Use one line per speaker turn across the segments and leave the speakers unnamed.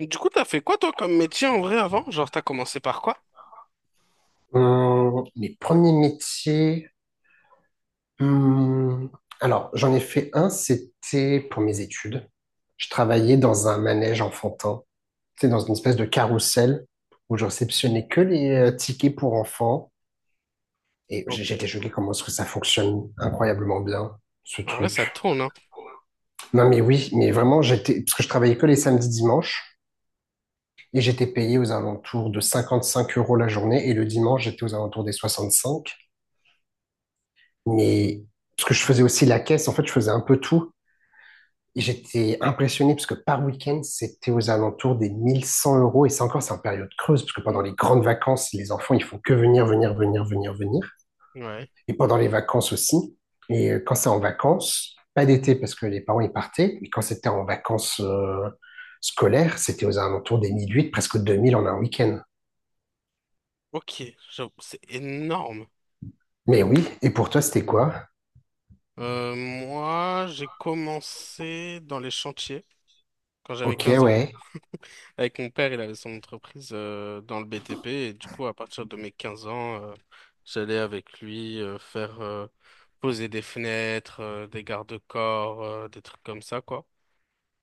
Du coup, t'as fait quoi toi comme métier en vrai avant? Genre, t'as commencé par quoi?
Les premiers métiers. hum, alors, j'en ai fait un, c'était pour mes études. Je travaillais dans un manège enfantin, c'était dans une espèce de carrousel où je réceptionnais que les tickets pour enfants. Et j'étais
Ok.
choqué comment est-ce que ça fonctionne incroyablement bien, ce
En vrai, ça
truc.
tourne, hein?
Non, mais oui, mais vraiment, j'étais, parce que je travaillais que les samedis, dimanches, et j'étais payé aux alentours de 55 euros la journée, et le dimanche, j'étais aux alentours des 65. Mais parce que je faisais aussi la caisse, en fait, je faisais un peu tout. Et j'étais impressionné parce que par week-end, c'était aux alentours des 1 100 euros. Et c'est encore, c'est en période creuse, parce que pendant
Mm.
les grandes vacances, les enfants, ils font que venir, venir, venir, venir, venir.
Ouais.
Et pendant les vacances aussi. Et quand c'est en vacances, pas d'été parce que les parents, ils partaient. Et quand c'était en vacances scolaires, c'était aux alentours des mille huit presque 2 000 en un week-end.
Ok. J'avoue, c'est énorme.
Mais oui, et pour toi, c'était quoi?
Moi, j'ai commencé dans les chantiers quand j'avais
Ok,
15 ans.
ouais.
Avec mon père, il avait son entreprise dans le BTP et du coup, à partir de mes 15 ans, j'allais avec lui faire poser des fenêtres, des garde-corps, des trucs comme ça, quoi.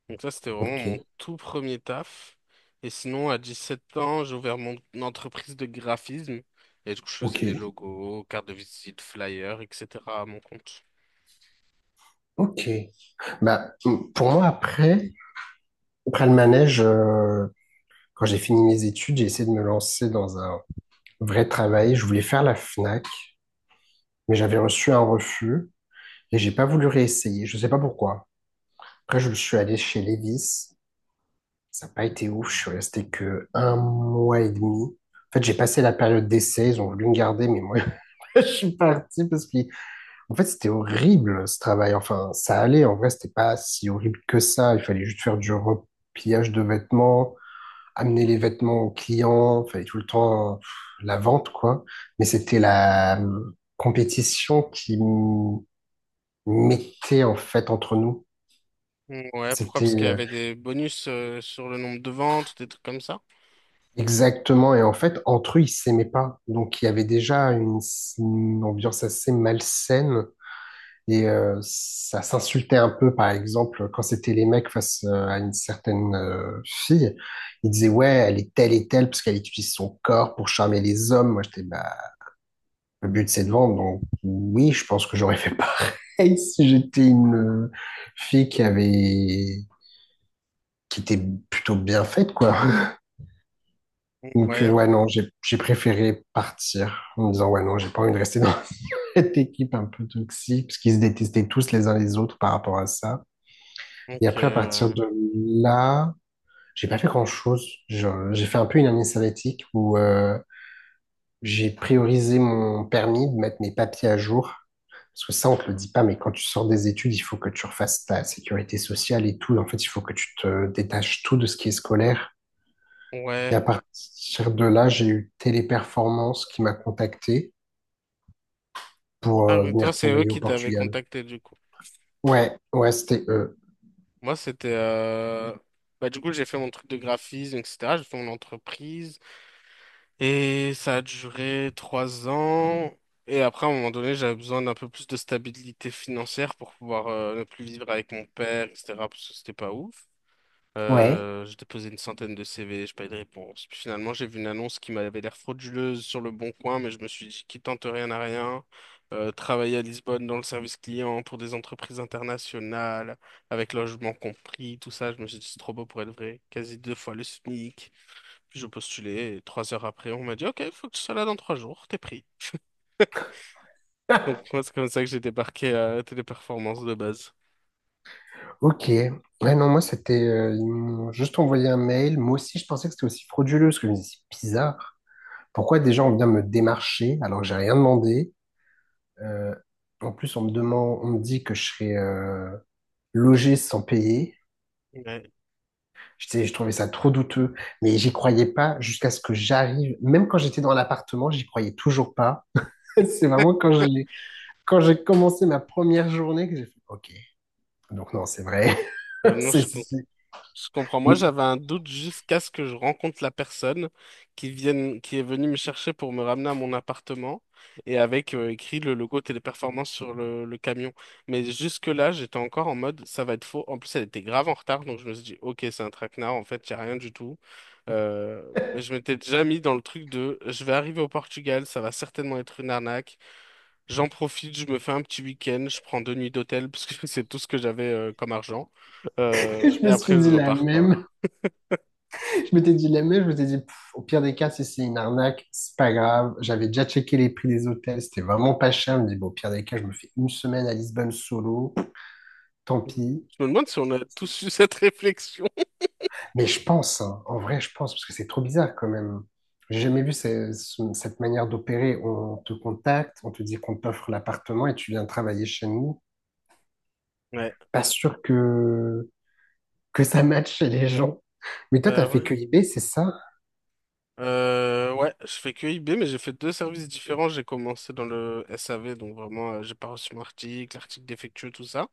Donc ça, c'était vraiment mon
Ok,
tout premier taf. Et sinon, à 17 ans, j'ai ouvert mon entreprise de graphisme et du coup, je faisais
ok,
les logos, cartes de visite, flyers, etc. à mon compte.
ok. Bah, pour moi, après le manège, quand j'ai fini mes études, j'ai essayé de me lancer dans un vrai travail. Je voulais faire la Fnac, mais j'avais reçu un refus et j'ai pas voulu réessayer. Je sais pas pourquoi. Après, je suis allé chez Levis. Ça n'a pas été ouf. Je suis resté que un mois et demi. En fait, j'ai passé la période d'essai. Ils ont voulu me garder, mais moi, je suis parti parce que, en fait, c'était horrible ce travail. Enfin, ça allait. En vrai, c'était pas si horrible que ça. Il fallait juste faire du repliage de vêtements amener les vêtements aux clients, fallait tout le temps pff, la vente, quoi. Mais c'était la compétition qui mettait en fait entre nous.
Mm, ouais, pourquoi?
C'était
Parce qu'il y avait des bonus sur le nombre de ventes, des trucs comme ça.
exactement, et en fait, entre eux, ils s'aimaient pas. Donc, il y avait déjà une, une ambiance assez malsaine. Et ça s'insultait un peu, par exemple, quand c'était les mecs face à une certaine fille. Ils disaient, ouais, elle est telle et telle parce qu'elle utilise son corps pour charmer les hommes. Moi, j'étais, bah, le but, c'est de vendre. Donc, oui, je pense que j'aurais fait pareil si j'étais une fille qui avait, qui était plutôt bien faite, quoi. Donc,
Ouais,
ouais, non, j'ai préféré partir en me disant, ouais, non, j'ai pas envie de rester dans cette équipe un peu toxique, parce qu'ils se détestaient tous les uns les autres par rapport à ça. Et
ok,
après, à partir
ouais.
de là, j'ai pas fait grand-chose. J'ai fait un peu une année sabbatique où j'ai priorisé mon permis de mettre mes papiers à jour. Parce que ça, on ne te le dit pas, mais quand tu sors des études, il faut que tu refasses ta sécurité sociale et tout. En fait, il faut que tu te détaches tout de ce qui est scolaire. Et à
Ouais.
partir de là, j'ai eu Téléperformance qui m'a contacté pour
Ah oui,
venir
toi, c'est eux
travailler au
qui t'avaient
Portugal.
contacté du coup.
Ouais, ouais, c'était eux.
Moi, c'était, bah, du coup, j'ai fait mon truc de graphisme, etc. J'ai fait mon entreprise. Et ça a duré 3 ans. Et après, à un moment donné, j'avais besoin d'un peu plus de stabilité financière pour pouvoir ne plus vivre avec mon père, etc. Parce que c'était pas ouf.
Ouais.
J'ai déposé une centaine de CV, j'ai pas eu de réponse. Puis finalement, j'ai vu une annonce qui m'avait l'air frauduleuse sur le Bon Coin, mais je me suis dit qui tente rien n'a rien. Travailler à Lisbonne dans le service client pour des entreprises internationales, avec logement compris, tout ça, je me suis dit c'est trop beau pour être vrai. Quasi deux fois le SMIC. Puis je postulais et 3 heures après, on m'a dit ok, il faut que tu sois là dans 3 jours, t'es pris. Donc moi, c'est comme ça que j'ai débarqué à Téléperformance de base.
Ok. Ouais, non, moi, c'était. Ils m'ont juste envoyé un mail. Moi aussi, je pensais que c'était aussi frauduleux, parce que je me disais, c'est bizarre. Pourquoi des gens viennent me démarcher alors que j'ai rien demandé? Euh, En plus, on me demande, on me dit que je serais logé sans payer.
Ouais.
Je trouvais ça trop douteux, mais j'y croyais pas jusqu'à ce que j'arrive. Même quand j'étais dans l'appartement, j'y croyais toujours pas. C'est vraiment quand j'ai commencé ma première journée que j'ai fait OK. Donc non, c'est vrai.
Maintenant,
C'est,
je,
c'est- c'est-
Je comprends. Moi,
Mais
j'avais un doute jusqu'à ce que je rencontre la personne qui vienne, qui est venue me chercher pour me ramener à mon appartement et avec écrit le logo Téléperformance sur le camion. Mais jusque-là, j'étais encore en mode ça va être faux. En plus, elle était grave en retard, donc je me suis dit ok, c'est un traquenard. En fait, il n'y a rien du tout. Euh, mais je m'étais déjà mis dans le truc de je vais arriver au Portugal, ça va certainement être une arnaque. J'en profite, je me fais un petit week-end, je prends 2 nuits d'hôtel parce que c'est tout ce que j'avais comme argent. Euh,
je
et
me suis
après, je
dit la
repars, quoi.
même. Je m'étais dit la même. Je m'étais dit pff, au pire des cas, si c'est une arnaque, c'est pas grave. J'avais déjà checké les prix des hôtels. C'était vraiment pas cher. Je me dis bon, au pire des cas, je me fais une semaine à Lisbonne solo. Tant pis.
Je me demande si on a tous eu cette réflexion.
Mais je pense, hein, en vrai, je pense, parce que c'est trop bizarre quand même. J'ai jamais vu cette manière d'opérer. On te contacte, on te dit qu'on t'offre l'appartement et tu viens travailler chez nous.
Ouais,
Pas sûr que ça matche chez les gens. Mais toi, t'as
bah
fait
ouais.
que eBay, c'est ça?
Ouais, je fais que IB, mais j'ai fait deux services différents. J'ai commencé dans le SAV, donc vraiment, j'ai pas reçu mon article, l'article défectueux, tout ça.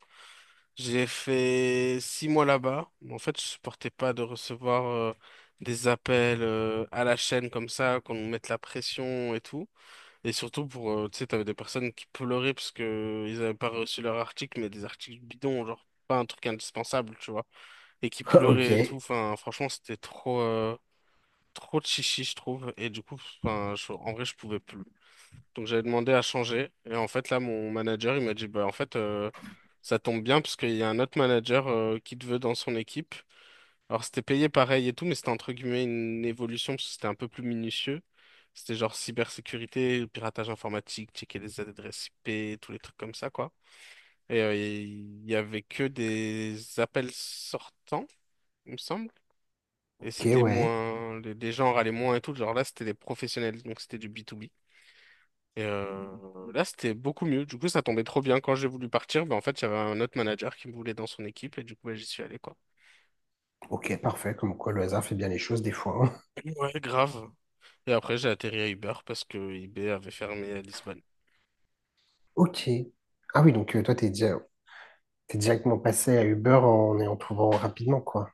J'ai fait 6 mois là-bas. En fait, je supportais pas de recevoir des appels à la chaîne comme ça, qu'on nous mette la pression et tout. Et surtout pour, tu sais, t'avais des personnes qui pleuraient parce que ils avaient pas reçu leur article, mais des articles bidons, genre pas un truc indispensable, tu vois. Et qui
Ok,
pleurait et tout. Enfin, franchement, c'était trop, trop de chichi, je trouve. Et du coup, enfin, en vrai, je pouvais plus. Donc, j'avais demandé à changer. Et en fait, là, mon manager, il m'a dit, bah, en fait, ça tombe bien parce qu'il y a un autre manager, qui te veut dans son équipe. Alors, c'était payé pareil et tout, mais c'était entre guillemets une évolution parce que c'était un peu plus minutieux. C'était genre cybersécurité, piratage informatique, checker les adresses IP, tous les trucs comme ça, quoi. Et il y avait que des appels sortants, il me semble. Et
ok,
c'était
ouais.
moins, les gens râlaient moins et tout. Genre là, c'était des professionnels, donc c'était du B2B. Et là, c'était beaucoup mieux. Du coup, ça tombait trop bien. Quand j'ai voulu partir, ben, en fait, il y avait un autre manager qui me voulait dans son équipe et du coup, ben, j'y suis allé, quoi.
Ok, parfait, comme quoi le hasard fait bien les choses des fois, hein.
Ouais, grave. Et après, j'ai atterri à Uber parce que eBay avait fermé à Lisbonne.
Ok. Ah oui, donc toi, t'es directement passé à Uber en ayant trouvé rapidement, quoi.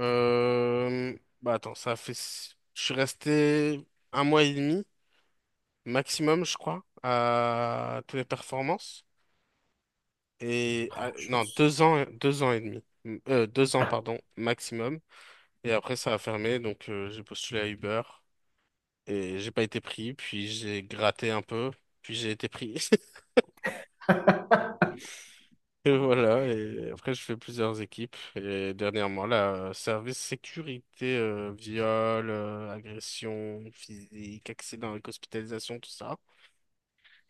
Euh, Bah attends, ça fait, je suis resté un mois et demi maximum, je crois, à Téléperformance. Et
La
non,
chance.
2 ans, deux ans et demi. 2 ans,
Ah,
pardon, maximum. Et après, ça a fermé, donc j'ai postulé à Uber et j'ai pas été pris. Puis j'ai gratté un peu, puis j'ai été pris. Et voilà. Et après, je fais plusieurs équipes. Et dernièrement, là, service sécurité, viol, agression physique, accident avec hospitalisation, tout ça.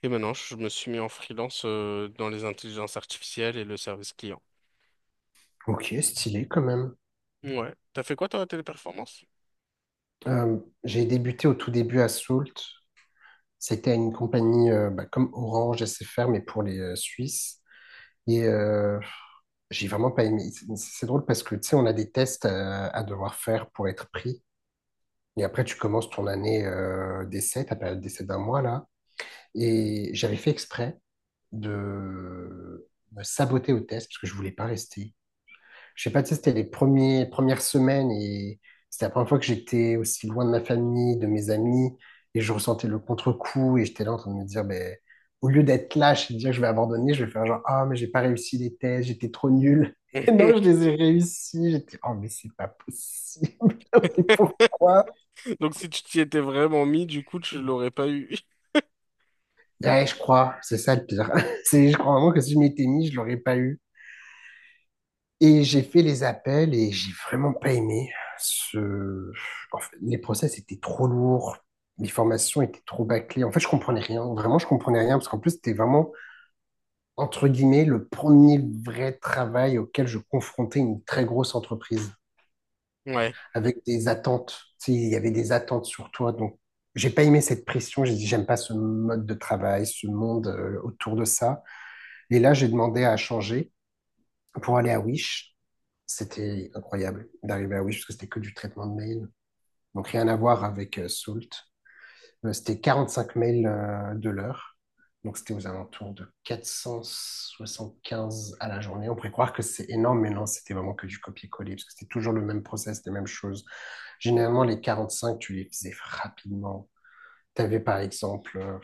Et maintenant, je me suis mis en freelance dans les intelligences artificielles et le service client.
ok, stylé quand même.
Ouais. T'as fait quoi, toi, à Téléperformance?
Euh, j'ai débuté au tout début à Salt. C'était à une compagnie bah, comme Orange SFR, mais pour les Suisses. Et j'ai vraiment pas aimé. C'est drôle parce que, tu sais, on a des tests à devoir faire pour être pris. Et après, tu commences ton année d'essai, ta période d'essai d'un mois, là. Et j'avais fait exprès de me saboter au test parce que je voulais pas rester. Je sais pas, tu sais, c'était premières semaines et c'était la première fois que j'étais aussi loin de ma famille, de mes amis et je ressentais le contre-coup et j'étais là en train de me dire, ben, au lieu d'être lâche et de dire que je vais abandonner, je vais faire genre, ah, mais j'ai pas réussi les tests, j'étais trop nul. Et non, je les ai réussis. J'étais, oh, mais c'est pas possible. Mais pourquoi?
Donc, si tu t'y étais vraiment mis, du coup, tu l'aurais pas eu.
Ouais, je crois, c'est ça le pire. C'est, je crois vraiment que si je m'étais mis, je l'aurais pas eu. Et j'ai fait les appels et j'ai vraiment pas aimé ce... en fait, les process étaient trop lourds, les formations étaient trop bâclées. En fait, je comprenais rien. Vraiment, je comprenais rien parce qu'en plus, c'était vraiment, entre guillemets, le premier vrai travail auquel je confrontais une très grosse entreprise
Ouais.
avec des attentes. Tu sais, il y avait des attentes sur toi. Donc, j'ai pas aimé cette pression. J'ai dit, j'aime pas ce mode de travail, ce monde autour de ça. Et là, j'ai demandé à changer pour aller à Wish. C'était incroyable d'arriver à Wish parce que c'était que du traitement de mail. Donc rien à voir avec Salt. C'était 45 mails de l'heure. Donc c'était aux alentours de 475 à la journée. On pourrait croire que c'est énorme, mais non, c'était vraiment que du copier-coller parce que c'était toujours le même process, les mêmes choses. Généralement, les 45, tu les faisais rapidement. Tu avais par exemple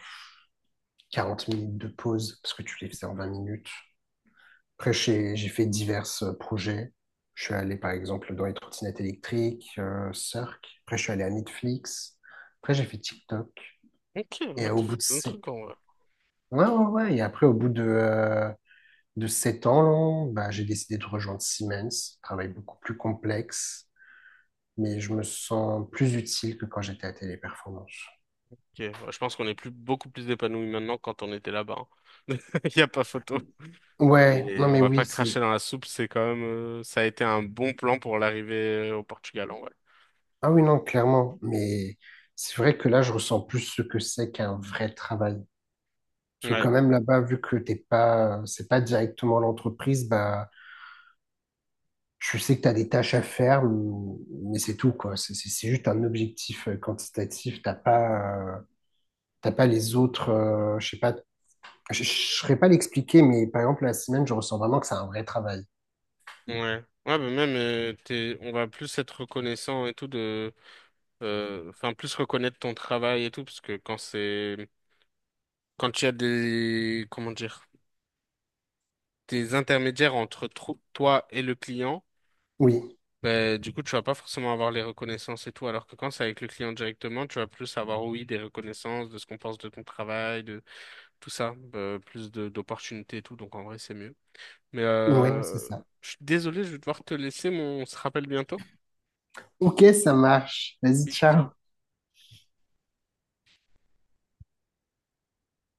40 minutes de pause parce que tu les faisais en 20 minutes. Après, j'ai fait divers projets. Je suis allé, par exemple, dans les trottinettes électriques, Cirque. Après, je suis allé à Netflix. Après, j'ai fait TikTok.
Ok,
Et
ouais, t'as
au bout
fait
de
plein
sept...
de en vrai.
Ouais, ouais, ouais. Et après, au bout de 7 ans, là, bah, j'ai décidé de rejoindre Siemens. Travail beaucoup plus complexe, mais je me sens plus utile que quand j'étais à Téléperformance.
Ok, ouais, je pense qu'on est plus, beaucoup plus épanouis maintenant que quand on était là-bas, hein. Il y a pas photo.
Ouais, non,
Mais on
mais
va
oui,
pas
c'est...
cracher dans la soupe, c'est quand même, ça a été un bon plan pour l'arrivée au Portugal en vrai.
Ah oui, non, clairement. Mais c'est vrai que là, je ressens plus ce que c'est qu'un vrai travail. Parce que
Ouais,
quand même là-bas, vu que t'es pas, c'est pas directement l'entreprise, bah, je sais que tu as des tâches à faire, mais c'est tout, quoi. C'est juste un objectif quantitatif. T'as pas les autres, je sais pas, je saurais pas l'expliquer, mais par exemple, la semaine, je ressens vraiment que c'est un vrai travail.
ouais. Ouais, mais même, on va plus être reconnaissant et tout de, enfin, plus reconnaître ton travail et tout, parce que quand c'est, quand il y a des, comment dire, des intermédiaires entre toi et le client,
Oui,
ben, du coup, tu vas pas forcément avoir les reconnaissances et tout, alors que quand c'est avec le client directement, tu vas plus avoir, oui, des reconnaissances de ce qu'on pense de ton travail, de tout ça, plus de d'opportunités et tout, donc en vrai, c'est mieux. Mais
ouais, non, c'est ça.
je suis désolé, je vais devoir te laisser, mais on se rappelle bientôt.
Ok, ça marche. Vas-y, ciao.
Oui,